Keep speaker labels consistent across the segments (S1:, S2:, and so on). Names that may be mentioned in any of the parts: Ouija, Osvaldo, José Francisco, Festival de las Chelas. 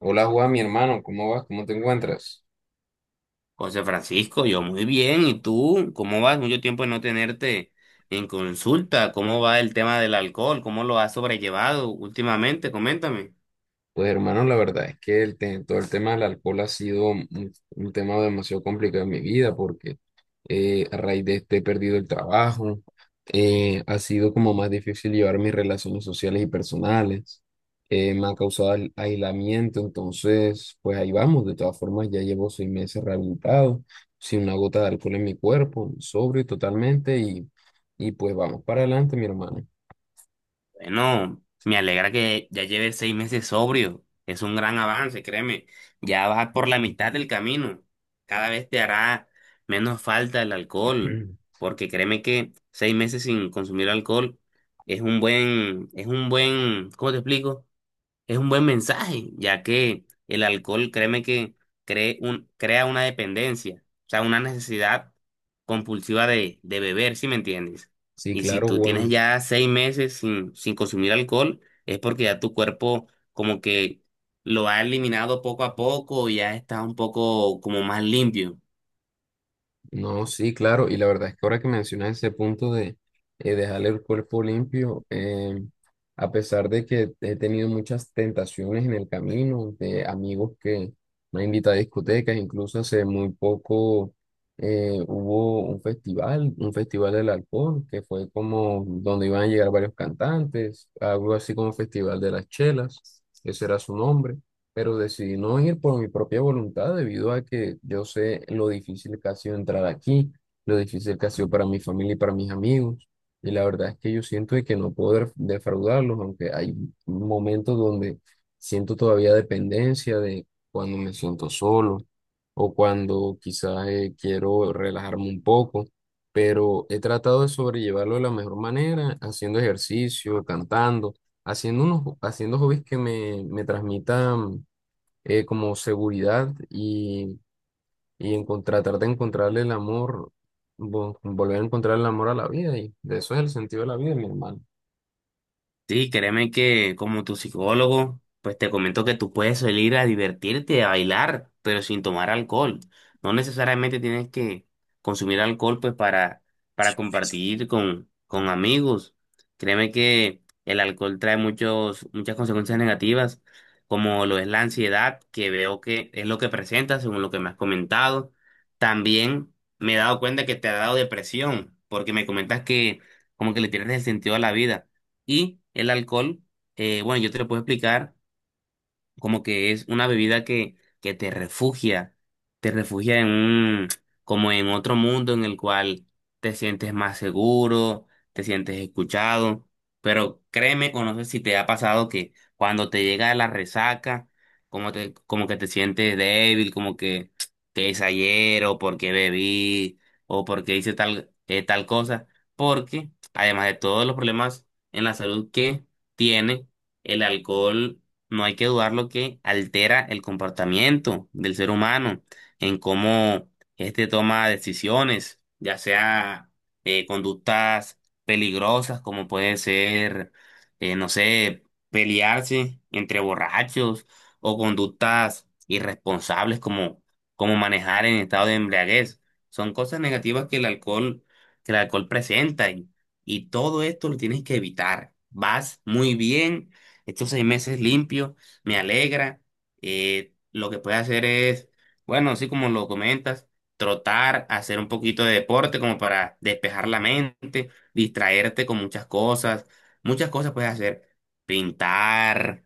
S1: Hola Juan, mi hermano, ¿cómo vas? ¿Cómo te encuentras?
S2: José Francisco, yo muy bien. ¿Y tú? ¿Cómo vas? Mucho tiempo de no tenerte en consulta. ¿Cómo va el tema del alcohol? ¿Cómo lo has sobrellevado últimamente? Coméntame.
S1: Pues hermano, la verdad es que todo el tema del alcohol ha sido un tema demasiado complicado en mi vida porque a raíz de este he perdido el trabajo. Eh, ha sido como más difícil llevar mis relaciones sociales y personales. Eh, me ha causado aislamiento. Entonces pues ahí vamos, de todas formas ya llevo 6 meses rehabilitado, sin una gota de alcohol en mi cuerpo, sobrio totalmente, y pues vamos para adelante, mi hermano.
S2: Bueno, me alegra que ya lleves 6 meses sobrio. Es un gran avance, créeme. Ya vas por la mitad del camino. Cada vez te hará menos falta el alcohol, porque créeme que 6 meses sin consumir alcohol es un buen, ¿cómo te explico? Es un buen mensaje, ya que el alcohol, créeme que crea una dependencia, o sea, una necesidad compulsiva de beber, ¿si me entiendes?
S1: Sí,
S2: Y si
S1: claro,
S2: tú tienes
S1: Juan.
S2: ya seis meses sin consumir alcohol, es porque ya tu cuerpo como que lo ha eliminado poco a poco y ya está un poco como más limpio.
S1: No, sí, claro. Y la verdad es que ahora que mencionas ese punto de dejar el cuerpo limpio, a pesar de que he tenido muchas tentaciones en el camino, de amigos que me han invitado a discotecas, incluso hace muy poco hubo un festival del alcohol, que fue como donde iban a llegar varios cantantes, algo así como Festival de las Chelas, ese era su nombre. Pero decidí no ir por mi propia voluntad debido a que yo sé lo difícil que ha sido entrar aquí, lo difícil que ha sido para mi familia y para mis amigos. Y la verdad es que yo siento de que no puedo defraudarlos, aunque hay momentos donde siento todavía dependencia de cuando me siento solo o cuando quizás quiero relajarme un poco. Pero he tratado de sobrellevarlo de la mejor manera, haciendo ejercicio, cantando, haciendo hobbies que me transmitan como seguridad, y tratar de encontrarle el amor, volver a encontrar el amor a la vida. Y de eso es el sentido de la vida, mi hermano.
S2: Sí, créeme que como tu psicólogo, pues te comento que tú puedes salir a divertirte, a bailar, pero sin tomar alcohol. No necesariamente tienes que consumir alcohol pues para compartir con amigos. Créeme que el alcohol trae muchos, muchas consecuencias negativas, como lo es la ansiedad, que veo que es lo que presenta según lo que me has comentado. También me he dado cuenta que te ha dado depresión, porque me comentas que como que le tienes el sentido a la vida. Y el alcohol, bueno, yo te lo puedo explicar como que es una bebida que te refugia en un, como en otro mundo en el cual te sientes más seguro, te sientes escuchado, pero créeme o no sé si te ha pasado que cuando te llega la resaca, como que te sientes débil, como que qué hice ayer o por bebí o porque hice tal, tal cosa, porque además de todos los problemas en la salud que tiene, el alcohol no hay que dudar lo que altera el comportamiento del ser humano, en cómo éste toma decisiones, ya sea conductas peligrosas, como puede ser, no sé, pelearse entre borrachos o conductas irresponsables como manejar en estado de embriaguez. Son cosas negativas que el alcohol presenta y todo esto lo tienes que evitar. Vas muy bien estos 6 meses limpio, me alegra. Lo que puedes hacer es, bueno, así como lo comentas, trotar, hacer un poquito de deporte como para despejar la mente, distraerte con muchas cosas. Muchas cosas puedes hacer. Pintar,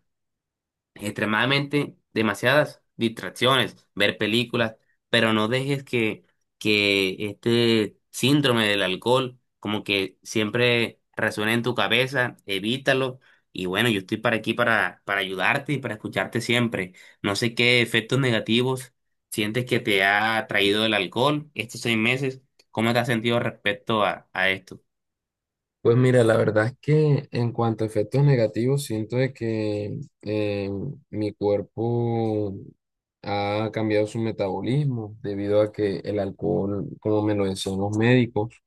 S2: extremadamente demasiadas distracciones, ver películas, pero no dejes que este síndrome del alcohol como que siempre resuene en tu cabeza, evítalo. Y bueno, yo estoy para aquí para ayudarte y para escucharte siempre. No sé qué efectos negativos sientes que te ha traído el alcohol estos 6 meses. ¿Cómo te has sentido respecto a esto?
S1: Pues mira, la verdad es que en cuanto a efectos negativos, siento de que eh, mi cuerpo ha cambiado su metabolismo debido a que el alcohol, como me lo decían los médicos,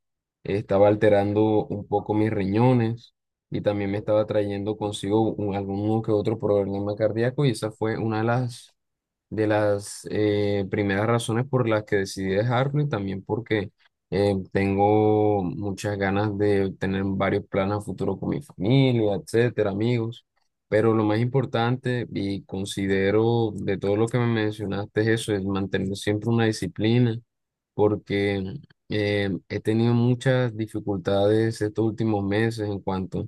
S1: estaba alterando un poco mis riñones, y también me estaba trayendo consigo algún que otro problema cardíaco, y esa fue una de las primeras razones por las que decidí dejarlo. Y también porque tengo muchas ganas de tener varios planes a futuro con mi familia, etcétera, amigos. Pero lo más importante y considero de todo lo que me mencionaste es eso, es mantener siempre una disciplina, porque he tenido muchas dificultades estos últimos meses en cuanto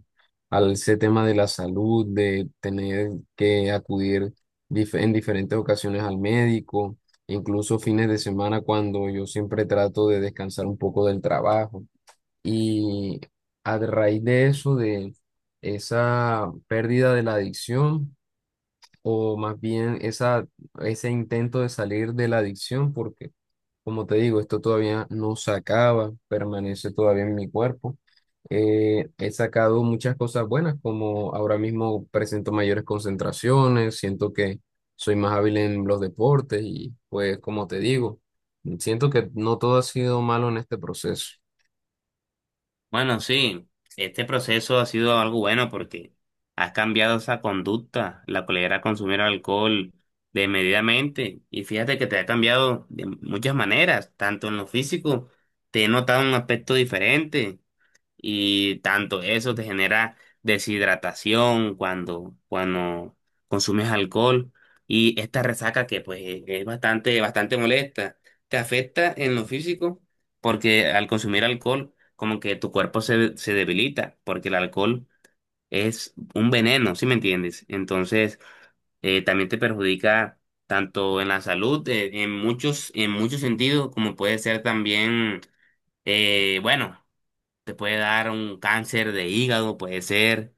S1: al ese tema de la salud, de tener que acudir en diferentes ocasiones al médico, incluso fines de semana cuando yo siempre trato de descansar un poco del trabajo. Y a raíz de eso, de esa pérdida de la adicción, o más bien esa, ese intento de salir de la adicción, porque como te digo, esto todavía no se acaba, permanece todavía en mi cuerpo. He sacado muchas cosas buenas, como ahora mismo presento mayores concentraciones, siento que soy más hábil en los deportes, y pues como te digo, siento que no todo ha sido malo en este proceso.
S2: Bueno, sí, este proceso ha sido algo bueno porque has cambiado esa conducta, la cual era consumir alcohol desmedidamente. Y fíjate que te ha cambiado de muchas maneras, tanto en lo físico, te he notado un aspecto diferente, y tanto eso te genera deshidratación cuando consumes alcohol y esta resaca que pues es bastante, bastante molesta. Te afecta en lo físico porque al consumir alcohol como que tu cuerpo se debilita porque el alcohol es un veneno, ¿sí me entiendes? Entonces también te perjudica tanto en la salud, en muchos sentidos, como puede ser también, bueno. Te puede dar un cáncer de hígado, puede ser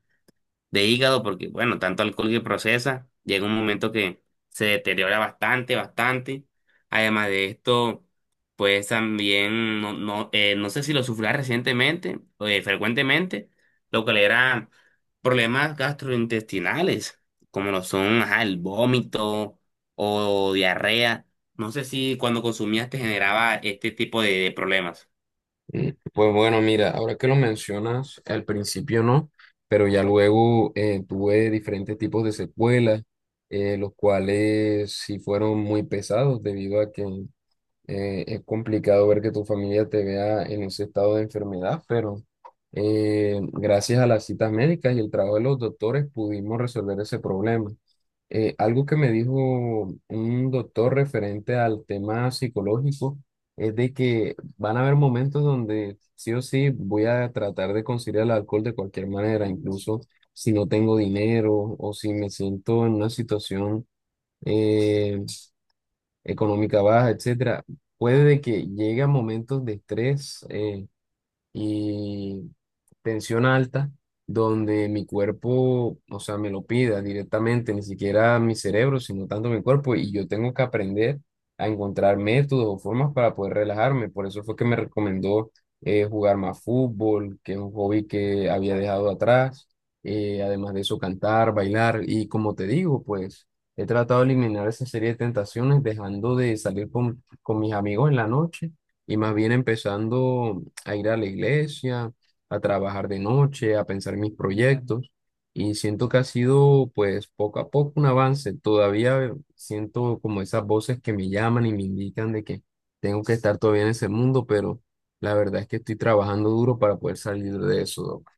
S2: de hígado, porque bueno, tanto alcohol que procesa, llega un momento que se deteriora bastante, bastante. Además de esto, pues también, no, no, no sé si lo sufría recientemente, o frecuentemente, lo que le era problemas gastrointestinales, como lo son, ajá, el vómito o diarrea. No sé si cuando consumías te generaba este tipo de problemas.
S1: Mm, pues bueno, mira, ahora que lo mencionas, al principio no, pero ya luego tuve diferentes tipos de secuelas, los cuales sí fueron muy pesados debido a que es complicado ver que tu familia te vea en ese estado de enfermedad. Pero gracias a las citas médicas y el trabajo de los doctores pudimos resolver ese problema. Algo que me dijo un doctor referente al tema psicológico es de que van a haber momentos donde sí o sí voy a tratar de conciliar el alcohol de cualquier manera, incluso si no tengo dinero o si me siento en una situación eh, económica baja, etcétera, puede de que llegue a momentos de estrés, y tensión alta, donde mi cuerpo, o sea, me lo pida directamente, ni siquiera mi cerebro, sino tanto mi cuerpo, y yo tengo que aprender a encontrar métodos o formas para poder relajarme. Por eso fue que me recomendó jugar más fútbol, que es un hobby que había dejado atrás. Eh, además de eso, cantar, bailar, y como te digo, pues... he tratado de eliminar esa serie de tentaciones, dejando de salir con mis amigos en la noche, y más bien empezando a ir a la iglesia, a trabajar de noche, a pensar mis proyectos. Y siento que ha sido pues poco a poco un avance. Todavía siento como esas voces que me llaman y me indican de que tengo que estar todavía en ese mundo, pero la verdad es que estoy trabajando duro para poder salir de eso, Doc.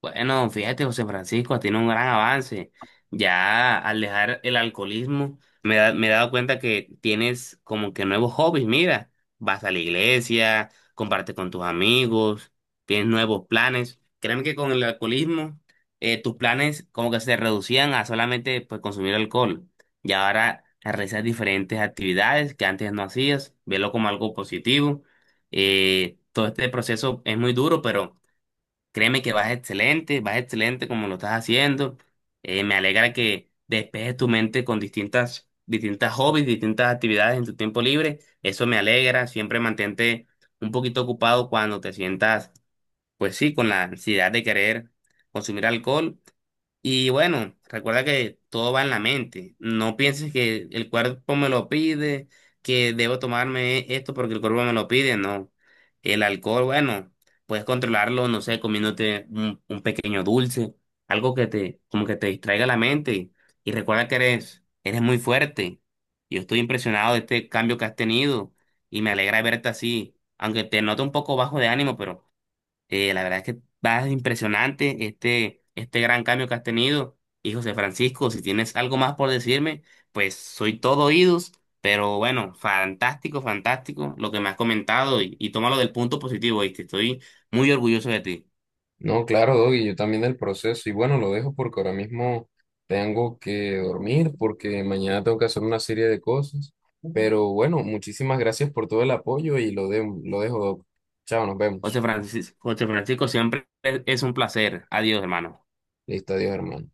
S2: Bueno, fíjate, José Francisco, tiene un gran avance. Ya al dejar el alcoholismo, me he dado cuenta que tienes como que nuevos hobbies. Mira, vas a la iglesia, comparte con tus amigos, tienes nuevos planes. Créeme que con el alcoholismo, tus planes como que se reducían a solamente pues, consumir alcohol. Y ahora realizas diferentes actividades que antes no hacías. Velo como algo positivo. Todo este proceso es muy duro, pero créeme que vas excelente como lo estás haciendo. Me alegra que despejes tu mente con distintas, distintas hobbies, distintas actividades en tu tiempo libre. Eso me alegra. Siempre mantente un poquito ocupado cuando te sientas, pues sí, con la ansiedad de querer consumir alcohol. Y bueno, recuerda que todo va en la mente. No pienses que el cuerpo me lo pide, que debo tomarme esto porque el cuerpo me lo pide, no. El alcohol, bueno, puedes controlarlo, no sé, comiéndote un pequeño dulce, algo que te, como que te distraiga la mente. Y recuerda que eres, eres muy fuerte. Yo estoy impresionado de este cambio que has tenido y me alegra verte así, aunque te noto un poco bajo de ánimo, pero la verdad es que va impresionante este, este gran cambio que has tenido. Y José Francisco, si tienes algo más por decirme, pues soy todo oídos, pero bueno, fantástico, fantástico lo que me has comentado y tómalo del punto positivo, ¿viste? Estoy muy orgulloso de ti.
S1: No, claro, Doggy, yo también del proceso. Y bueno, lo dejo porque ahora mismo tengo que dormir, porque mañana tengo que hacer una serie de cosas. Pero bueno, muchísimas gracias por todo el apoyo y lo dejo, Doc. Chao, nos
S2: José
S1: vemos.
S2: Francisco, José Francisco, siempre es un placer. Adiós, hermano.
S1: Listo, adiós, hermano.